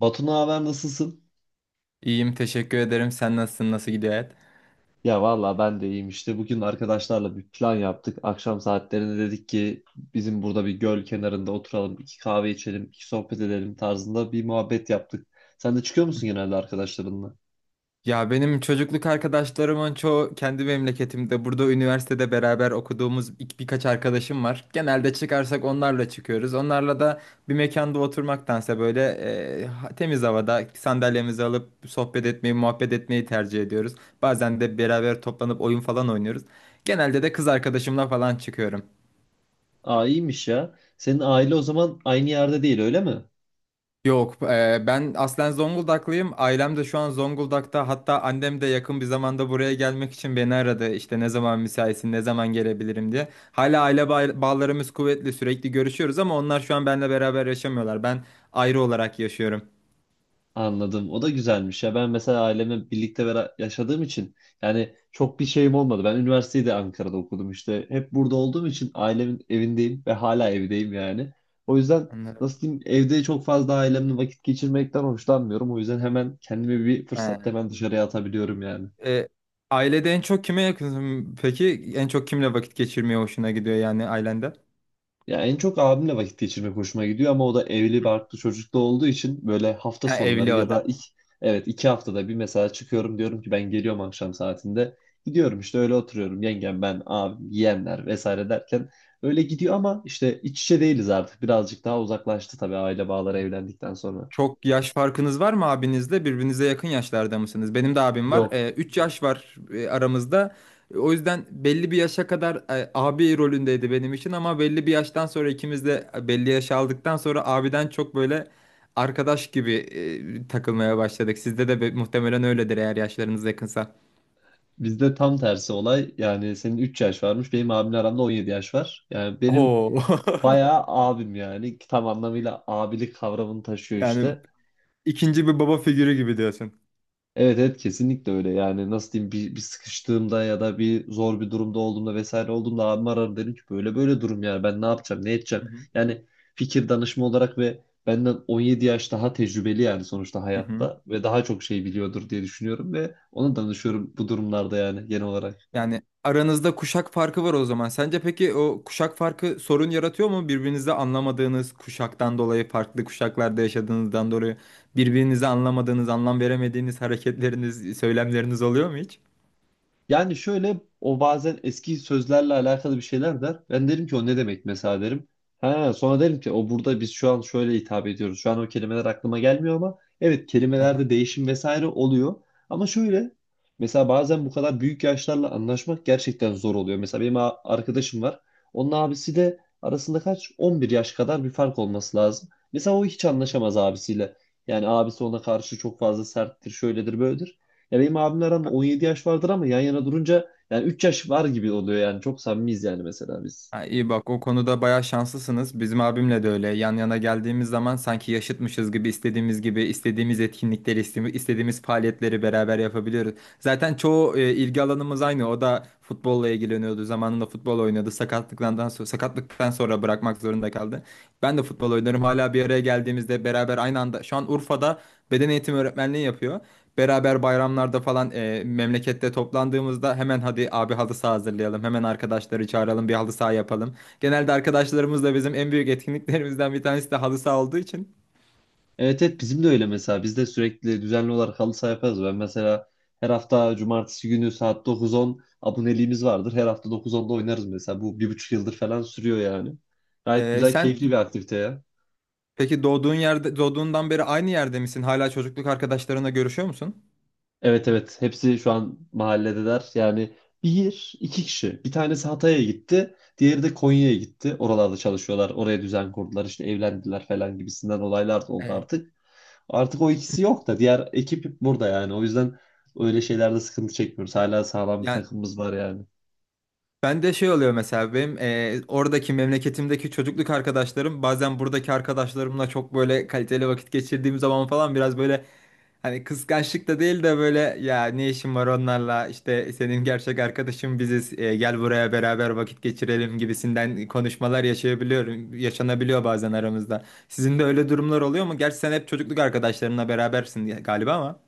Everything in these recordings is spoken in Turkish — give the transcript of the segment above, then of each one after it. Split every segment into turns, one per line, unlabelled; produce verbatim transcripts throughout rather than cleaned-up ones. Batu naber nasılsın?
İyiyim, teşekkür ederim. Sen nasılsın? Nasıl gidiyor hayat?
Ya valla ben de iyiyim işte. Bugün arkadaşlarla bir plan yaptık. Akşam saatlerinde dedik ki bizim burada bir göl kenarında oturalım, iki kahve içelim, iki sohbet edelim tarzında bir muhabbet yaptık. Sen de çıkıyor musun genelde arkadaşlarınla?
Ya benim çocukluk arkadaşlarımın çoğu kendi memleketimde. Burada üniversitede beraber okuduğumuz ilk birkaç arkadaşım var. Genelde çıkarsak onlarla çıkıyoruz. Onlarla da bir mekanda oturmaktansa böyle e, ha- temiz havada sandalyemizi alıp sohbet etmeyi, muhabbet etmeyi tercih ediyoruz. Bazen de beraber toplanıp oyun falan oynuyoruz. Genelde de kız arkadaşımla falan çıkıyorum.
Aa iyiymiş ya. Senin aile o zaman aynı yerde değil öyle mi?
Yok, e, ben aslen Zonguldaklıyım. Ailem de şu an Zonguldak'ta. Hatta annem de yakın bir zamanda buraya gelmek için beni aradı. İşte ne zaman müsaitsin, ne zaman gelebilirim diye. Hala aile bağ- bağlarımız kuvvetli, sürekli görüşüyoruz ama onlar şu an benimle beraber yaşamıyorlar. Ben ayrı olarak yaşıyorum.
Anladım. O da güzelmiş ya. Ben mesela ailemle birlikte bera- yaşadığım için yani çok bir şeyim olmadı. Ben üniversiteyi de Ankara'da okudum işte. Hep burada olduğum için ailemin evindeyim ve hala evdeyim yani. O yüzden
Anladım.
nasıl diyeyim evde çok fazla ailemle vakit geçirmekten hoşlanmıyorum. O yüzden hemen kendimi bir
He.
fırsatta hemen dışarıya atabiliyorum yani.
E, Ailede en çok kime yakınsın? Peki en çok kimle vakit geçirmeye hoşuna gidiyor yani ailende?
Ya en çok abimle vakit geçirmek hoşuma gidiyor ama o da evli barklı çocuklu olduğu için böyle hafta
Ha, evli
sonları
o
ya da
da.
iki, evet iki haftada bir mesela çıkıyorum diyorum ki ben geliyorum akşam saatinde. Gidiyorum işte öyle oturuyorum yengem ben abim yeğenler vesaire derken öyle gidiyor ama işte iç içe değiliz artık birazcık daha uzaklaştı tabii aile bağları evlendikten sonra.
Çok yaş farkınız var mı abinizle? Birbirinize yakın yaşlarda mısınız? Benim de abim var. Ee,
Yok,
üç yaş var e, aramızda. E, O yüzden belli bir yaşa kadar e, abi rolündeydi benim için ama belli bir yaştan sonra ikimiz de e, belli yaş aldıktan sonra abiden çok böyle arkadaş gibi e, takılmaya başladık. Sizde de be- muhtemelen öyledir eğer yaşlarınız yakınsa.
bizde tam tersi olay yani senin üç yaş varmış benim abimle aramda on yedi yaş var. Yani benim
Oo.
bayağı abim yani tam anlamıyla abilik kavramını taşıyor
Yani
işte.
ikinci bir baba figürü gibi diyorsun.
Evet evet kesinlikle öyle yani nasıl diyeyim bir, bir sıkıştığımda ya da bir zor bir durumda olduğumda vesaire olduğumda abim arar derim ki böyle böyle durum yani ben ne yapacağım ne edeceğim
Hı hı.
yani fikir danışma olarak ve benden on yedi yaş daha tecrübeli yani sonuçta
Hı hı.
hayatta ve daha çok şey biliyordur diye düşünüyorum ve ona danışıyorum bu durumlarda yani genel olarak.
Yani aranızda kuşak farkı var o zaman. Sence peki o kuşak farkı sorun yaratıyor mu? Birbirinizde anlamadığınız kuşaktan dolayı, farklı kuşaklarda yaşadığınızdan dolayı birbirinizi anlamadığınız, anlam veremediğiniz hareketleriniz, söylemleriniz oluyor mu hiç?
Yani şöyle o bazen eski sözlerle alakalı bir şeyler der. Ben derim ki o ne demek mesela derim. Ha, sonra derim ki o burada biz şu an şöyle hitap ediyoruz. Şu an o kelimeler aklıma gelmiyor ama evet
Aha.
kelimelerde değişim vesaire oluyor. Ama şöyle mesela bazen bu kadar büyük yaşlarla anlaşmak gerçekten zor oluyor. Mesela benim a- arkadaşım var. Onun abisi de arasında kaç? on bir yaş kadar bir fark olması lazım. Mesela o hiç anlaşamaz abisiyle. Yani abisi ona karşı çok fazla serttir, şöyledir, böyledir. Ya benim abimle aramda on yedi yaş vardır ama yan yana durunca yani üç yaş var gibi oluyor yani. Çok samimiyiz yani mesela biz.
Ha, iyi bak o konuda bayağı şanslısınız. Bizim abimle de öyle. Yan yana geldiğimiz zaman sanki yaşıtmışız gibi istediğimiz gibi istediğimiz etkinlikleri, iste- istediğimiz faaliyetleri beraber yapabiliyoruz. Zaten çoğu e, ilgi alanımız aynı. O da futbolla ilgileniyordu. Zamanında futbol oynadı. Sakatlıktan sonra, sakatlıktan sonra bırakmak zorunda kaldı. Ben de futbol oynarım. Hala bir araya geldiğimizde beraber aynı anda şu an Urfa'da beden eğitimi öğretmenliği yapıyor. Beraber bayramlarda falan e, memlekette toplandığımızda hemen hadi abi halı saha hazırlayalım. Hemen arkadaşları çağıralım bir halı saha yapalım. Genelde arkadaşlarımızla bizim en büyük etkinliklerimizden bir tanesi de halı saha olduğu için.
Evet evet bizim de öyle mesela. Biz de sürekli düzenli olarak halı saha yaparız. Ben mesela her hafta cumartesi günü saat dokuz on aboneliğimiz vardır. Her hafta dokuz onda oynarız mesela. Bu bir buçuk yıldır falan sürüyor yani. Gayet
E,
güzel,
sen
keyifli bir aktivite ya.
Peki doğduğun yerde doğduğundan beri aynı yerde misin? Hala çocukluk arkadaşlarına görüşüyor musun?
Evet evet hepsi şu an mahalledeler. Yani bir iki kişi. Bir tanesi Hatay'a gitti. Diğeri de Konya'ya gitti. Oralarda çalışıyorlar. Oraya düzen kurdular. İşte evlendiler falan gibisinden olaylar da oldu
Evet.
artık. Artık o ikisi yok da diğer ekip burada yani. O yüzden öyle şeylerde sıkıntı çekmiyoruz. Hala sağlam bir
Yani
takımımız var yani.
ben de şey oluyor mesela benim e, oradaki memleketimdeki çocukluk arkadaşlarım bazen buradaki arkadaşlarımla çok böyle kaliteli vakit geçirdiğim zaman falan biraz böyle hani kıskançlık da değil de böyle ya ne işin var onlarla işte senin gerçek arkadaşın biziz e, gel buraya beraber vakit geçirelim gibisinden konuşmalar yaşayabiliyorum yaşanabiliyor bazen aramızda. Sizin de öyle durumlar oluyor mu? Gerçi sen hep çocukluk arkadaşlarınla berabersin diye- galiba ama.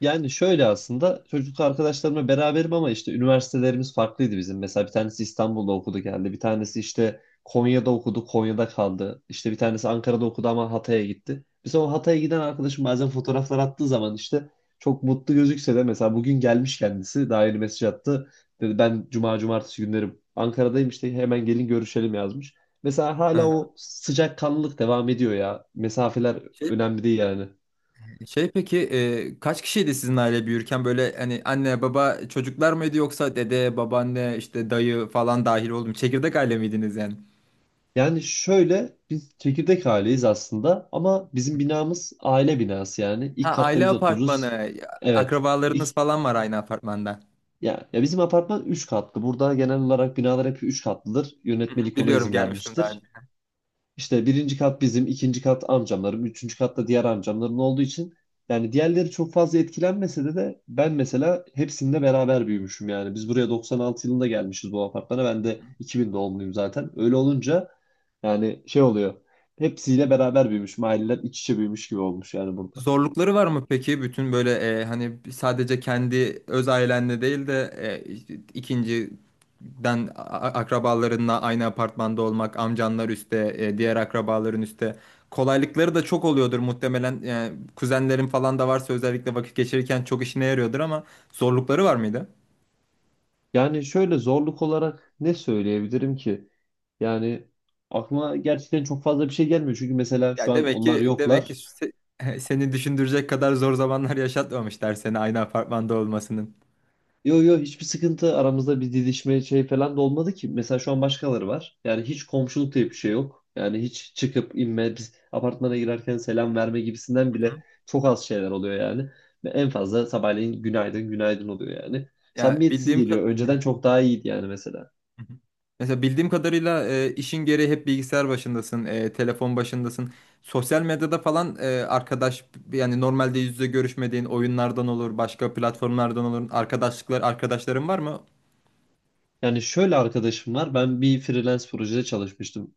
Yani şöyle aslında çocuk arkadaşlarımla beraberim ama işte üniversitelerimiz farklıydı bizim. Mesela bir tanesi İstanbul'da okudu geldi. Bir tanesi işte Konya'da okudu, Konya'da kaldı. İşte bir tanesi Ankara'da okudu ama Hatay'a gitti. Mesela o Hatay'a giden arkadaşım bazen fotoğraflar attığı zaman işte çok mutlu gözükse de mesela bugün gelmiş kendisi daha yeni mesaj attı. Dedi ben cuma cumartesi günleri Ankara'dayım işte hemen gelin görüşelim yazmış. Mesela hala
Hı.
o sıcakkanlılık devam ediyor ya. Mesafeler
Şey
önemli değil yani.
Şey peki e, kaç kişiydi sizin aile büyürken böyle hani anne baba çocuklar mıydı yoksa dede babaanne işte dayı falan dahil oldu mu? Çekirdek aile miydiniz yani?
Yani şöyle biz çekirdek aileyiz aslında ama bizim binamız aile binası yani. İlk
Ha
katta
aile
biz otururuz.
apartmanı
Evet.
akrabalarınız
İlk,
falan var aynı apartmanda.
ya, ya bizim apartman üç katlı. Burada genel olarak binalar hep üç katlıdır.
Hı hı,
Yönetmelik ona
biliyorum
izin
gelmiştim daha.
vermiştir. İşte birinci kat bizim, ikinci kat amcamların, üçüncü katta diğer amcamların olduğu için yani diğerleri çok fazla etkilenmese de de ben mesela hepsinde beraber büyümüşüm yani. Biz buraya doksan altı yılında gelmişiz bu apartmana. Ben de iki bin doğumluyum zaten. Öyle olunca yani şey oluyor. Hepsiyle beraber büyümüş. Aileler iç içe büyümüş gibi olmuş yani burada.
Zorlukları var mı peki? Bütün böyle e, hani sadece kendi öz ailenle değil de e, işte ikinciden a- a- akrabalarınla aynı apartmanda olmak, amcanlar üstte, e, diğer akrabaların üstte. Kolaylıkları da çok oluyordur muhtemelen. Yani kuzenlerin falan da varsa özellikle vakit geçirirken çok işine yarıyordur ama zorlukları var mıydı?
Yani şöyle zorluk olarak ne söyleyebilirim ki? Yani aklıma gerçekten çok fazla bir şey gelmiyor. Çünkü mesela şu
Ya
an
demek
onlar
ki demek ki
yoklar.
se- seni düşündürecek kadar zor zamanlar yaşatmamışlar seni aynı apartmanda olmasının.
Yo yo hiçbir sıkıntı aramızda bir didişme şey falan da olmadı ki. Mesela şu an başkaları var. Yani hiç komşuluk diye bir şey yok. Yani hiç çıkıp inme biz apartmana girerken selam verme gibisinden
Hı
bile
hı.
çok az şeyler oluyor yani. Ve en fazla sabahleyin günaydın günaydın oluyor yani.
Ya
Samimiyetsiz
bildiğim kadar.
geliyor. Önceden çok daha iyiydi yani mesela.
Hı hı. Mesela bildiğim kadarıyla e, işin gereği hep bilgisayar başındasın, e, telefon başındasın. Sosyal medyada falan e, arkadaş yani normalde yüz yüze görüşmediğin oyunlardan olur, başka platformlardan olur. Arkadaşlıklar, arkadaşların var mı?
Yani şöyle arkadaşım var. Ben bir freelance projede çalışmıştım.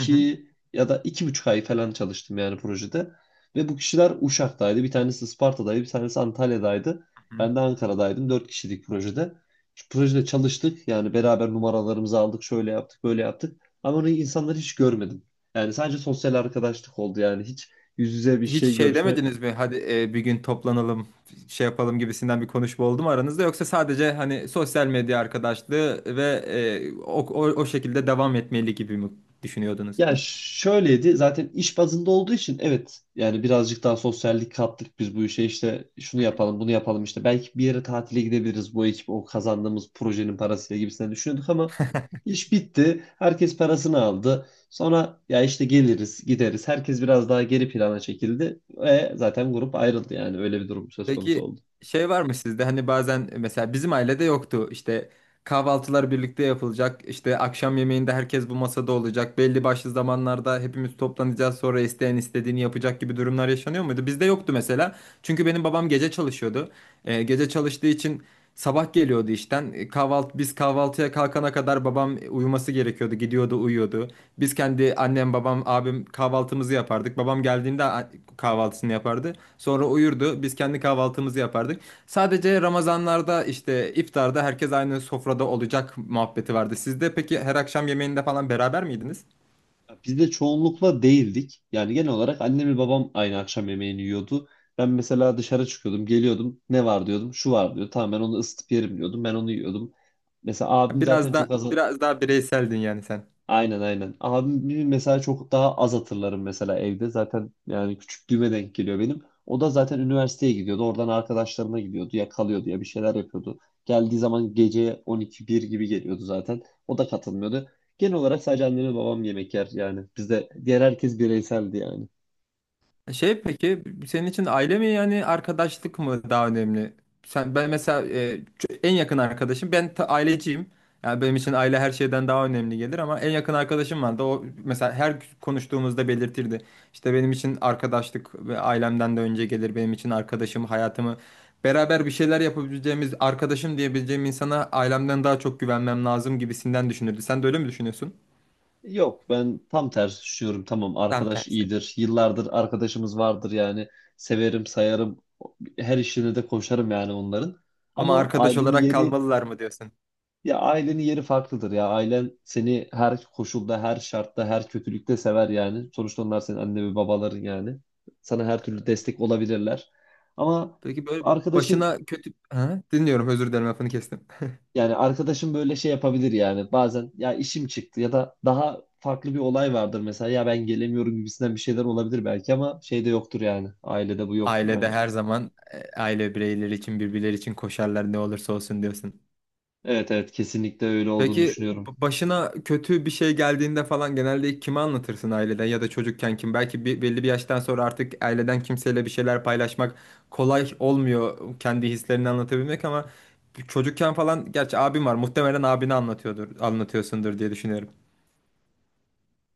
Hı hı.
ya da iki buçuk ay falan çalıştım yani projede. Ve bu kişiler Uşak'taydı. Bir tanesi Isparta'daydı. Bir tanesi Antalya'daydı.
Hı hı.
Ben de Ankara'daydım. Dört kişilik projede. Şu projede çalıştık. Yani beraber numaralarımızı aldık. Şöyle yaptık, böyle yaptık. Ama onu insanları hiç görmedim. Yani sadece sosyal arkadaşlık oldu. Yani hiç yüz yüze bir
Hiç
şey
şey
görüşme.
demediniz mi? Hadi e, bir gün toplanalım, şey yapalım gibisinden bir konuşma oldu mu aranızda? Yoksa sadece hani sosyal medya arkadaşlığı ve e, o, o, o şekilde devam etmeli gibi mi düşünüyordunuz?
Ya şöyleydi zaten iş bazında olduğu için evet yani birazcık daha sosyallik kattık biz bu işe işte şunu yapalım bunu yapalım işte belki bir yere tatile gidebiliriz bu ekip o kazandığımız projenin parasıyla gibisinden düşünüyorduk ama iş bitti herkes parasını aldı sonra ya işte geliriz gideriz herkes biraz daha geri plana çekildi ve zaten grup ayrıldı yani öyle bir durum söz konusu
Peki
oldu.
şey var mı sizde hani bazen e, mesela bizim ailede yoktu işte kahvaltılar birlikte yapılacak işte akşam yemeğinde herkes bu masada olacak belli başlı zamanlarda hepimiz toplanacağız sonra isteyen istediğini yapacak gibi durumlar yaşanıyor muydu? Bizde yoktu mesela çünkü benim babam gece çalışıyordu. Ee, gece çalıştığı için sabah geliyordu işten. E, Kahvaltı, biz kahvaltıya kalkana kadar babam uyuması gerekiyordu. Gidiyordu, uyuyordu. Biz kendi annem, babam, abim kahvaltımızı yapardık. Babam geldiğinde a- kahvaltısını yapardı. Sonra uyurdu. Biz kendi kahvaltımızı yapardık. Sadece Ramazanlarda işte iftarda herkes aynı sofrada olacak muhabbeti vardı. Sizde peki her akşam yemeğinde falan beraber miydiniz?
Biz de çoğunlukla değildik. Yani genel olarak annem ve babam aynı akşam yemeğini yiyordu. Ben mesela dışarı çıkıyordum, geliyordum. Ne var diyordum, şu var diyor. Tamam ben onu ısıtıp yerim diyordum. Ben onu yiyordum. Mesela abim zaten
Biraz da
çok az.
biraz daha bireyseldin yani sen.
Aynen aynen. Abimi mesela çok daha az hatırlarım mesela evde. Zaten yani küçüklüğüme denk geliyor benim. O da zaten üniversiteye gidiyordu. Oradan arkadaşlarına gidiyordu. Ya kalıyordu ya bir şeyler yapıyordu. Geldiği zaman gece on iki bir gibi geliyordu zaten. O da katılmıyordu. Genel olarak sadece annem ve babam yemek yer yani. Bizde diğer herkes bireyseldi yani.
E, Şey peki senin için aile mi yani arkadaşlık mı daha önemli? Sen ben mesela e, ç- en yakın arkadaşım ben ta- aileciyim. Yani benim için aile her şeyden daha önemli gelir ama en yakın arkadaşım vardı. O mesela her konuştuğumuzda belirtirdi. İşte benim için arkadaşlık ve ailemden de önce gelir. Benim için arkadaşım hayatımı beraber bir şeyler yapabileceğimiz arkadaşım diyebileceğim insana ailemden daha çok güvenmem lazım gibisinden düşünürdü. Sen de öyle mi düşünüyorsun?
Yok ben tam tersi düşünüyorum. Tamam
Tam
arkadaş
tersi.
iyidir. Yıllardır arkadaşımız vardır yani. Severim sayarım. Her işine de koşarım yani onların.
Ama
Ama
arkadaş
ailenin
olarak
yeri.
kalmalılar mı diyorsun?
Ya ailenin yeri farklıdır ya. Ailen seni her koşulda, her şartta, her kötülükte sever yani. Sonuçta onlar senin anne ve babaların yani. Sana her türlü destek olabilirler. Ama
Peki böyle
arkadaşın,
başına kötü... Ha, dinliyorum özür dilerim lafını kestim.
yani arkadaşın böyle şey yapabilir yani. Bazen ya işim çıktı ya da daha farklı bir olay vardır mesela. Ya ben gelemiyorum gibisinden bir şeyler olabilir belki ama şeyde yoktur yani. Ailede bu yoktur
Ailede
bence.
her zaman e, aile bireyleri için birbirleri için koşarlar ne olursa olsun diyorsun.
Evet evet kesinlikle öyle olduğunu
Peki
düşünüyorum.
b- başına kötü bir şey geldiğinde falan genelde kime anlatırsın aileden ya da çocukken kim? Belki bir, belli bir yaştan sonra artık aileden kimseyle bir şeyler paylaşmak kolay olmuyor kendi hislerini anlatabilmek ama çocukken falan gerçi abim var muhtemelen abine anlatıyordur anlatıyorsundur diye düşünüyorum.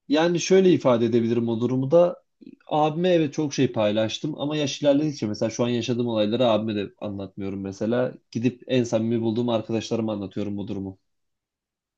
Yani şöyle ifade edebilirim o durumu da. Abime evet çok şey paylaştım ama yaş ilerledikçe mesela şu an yaşadığım olayları abime de anlatmıyorum mesela. Gidip en samimi bulduğum arkadaşlarıma anlatıyorum bu durumu.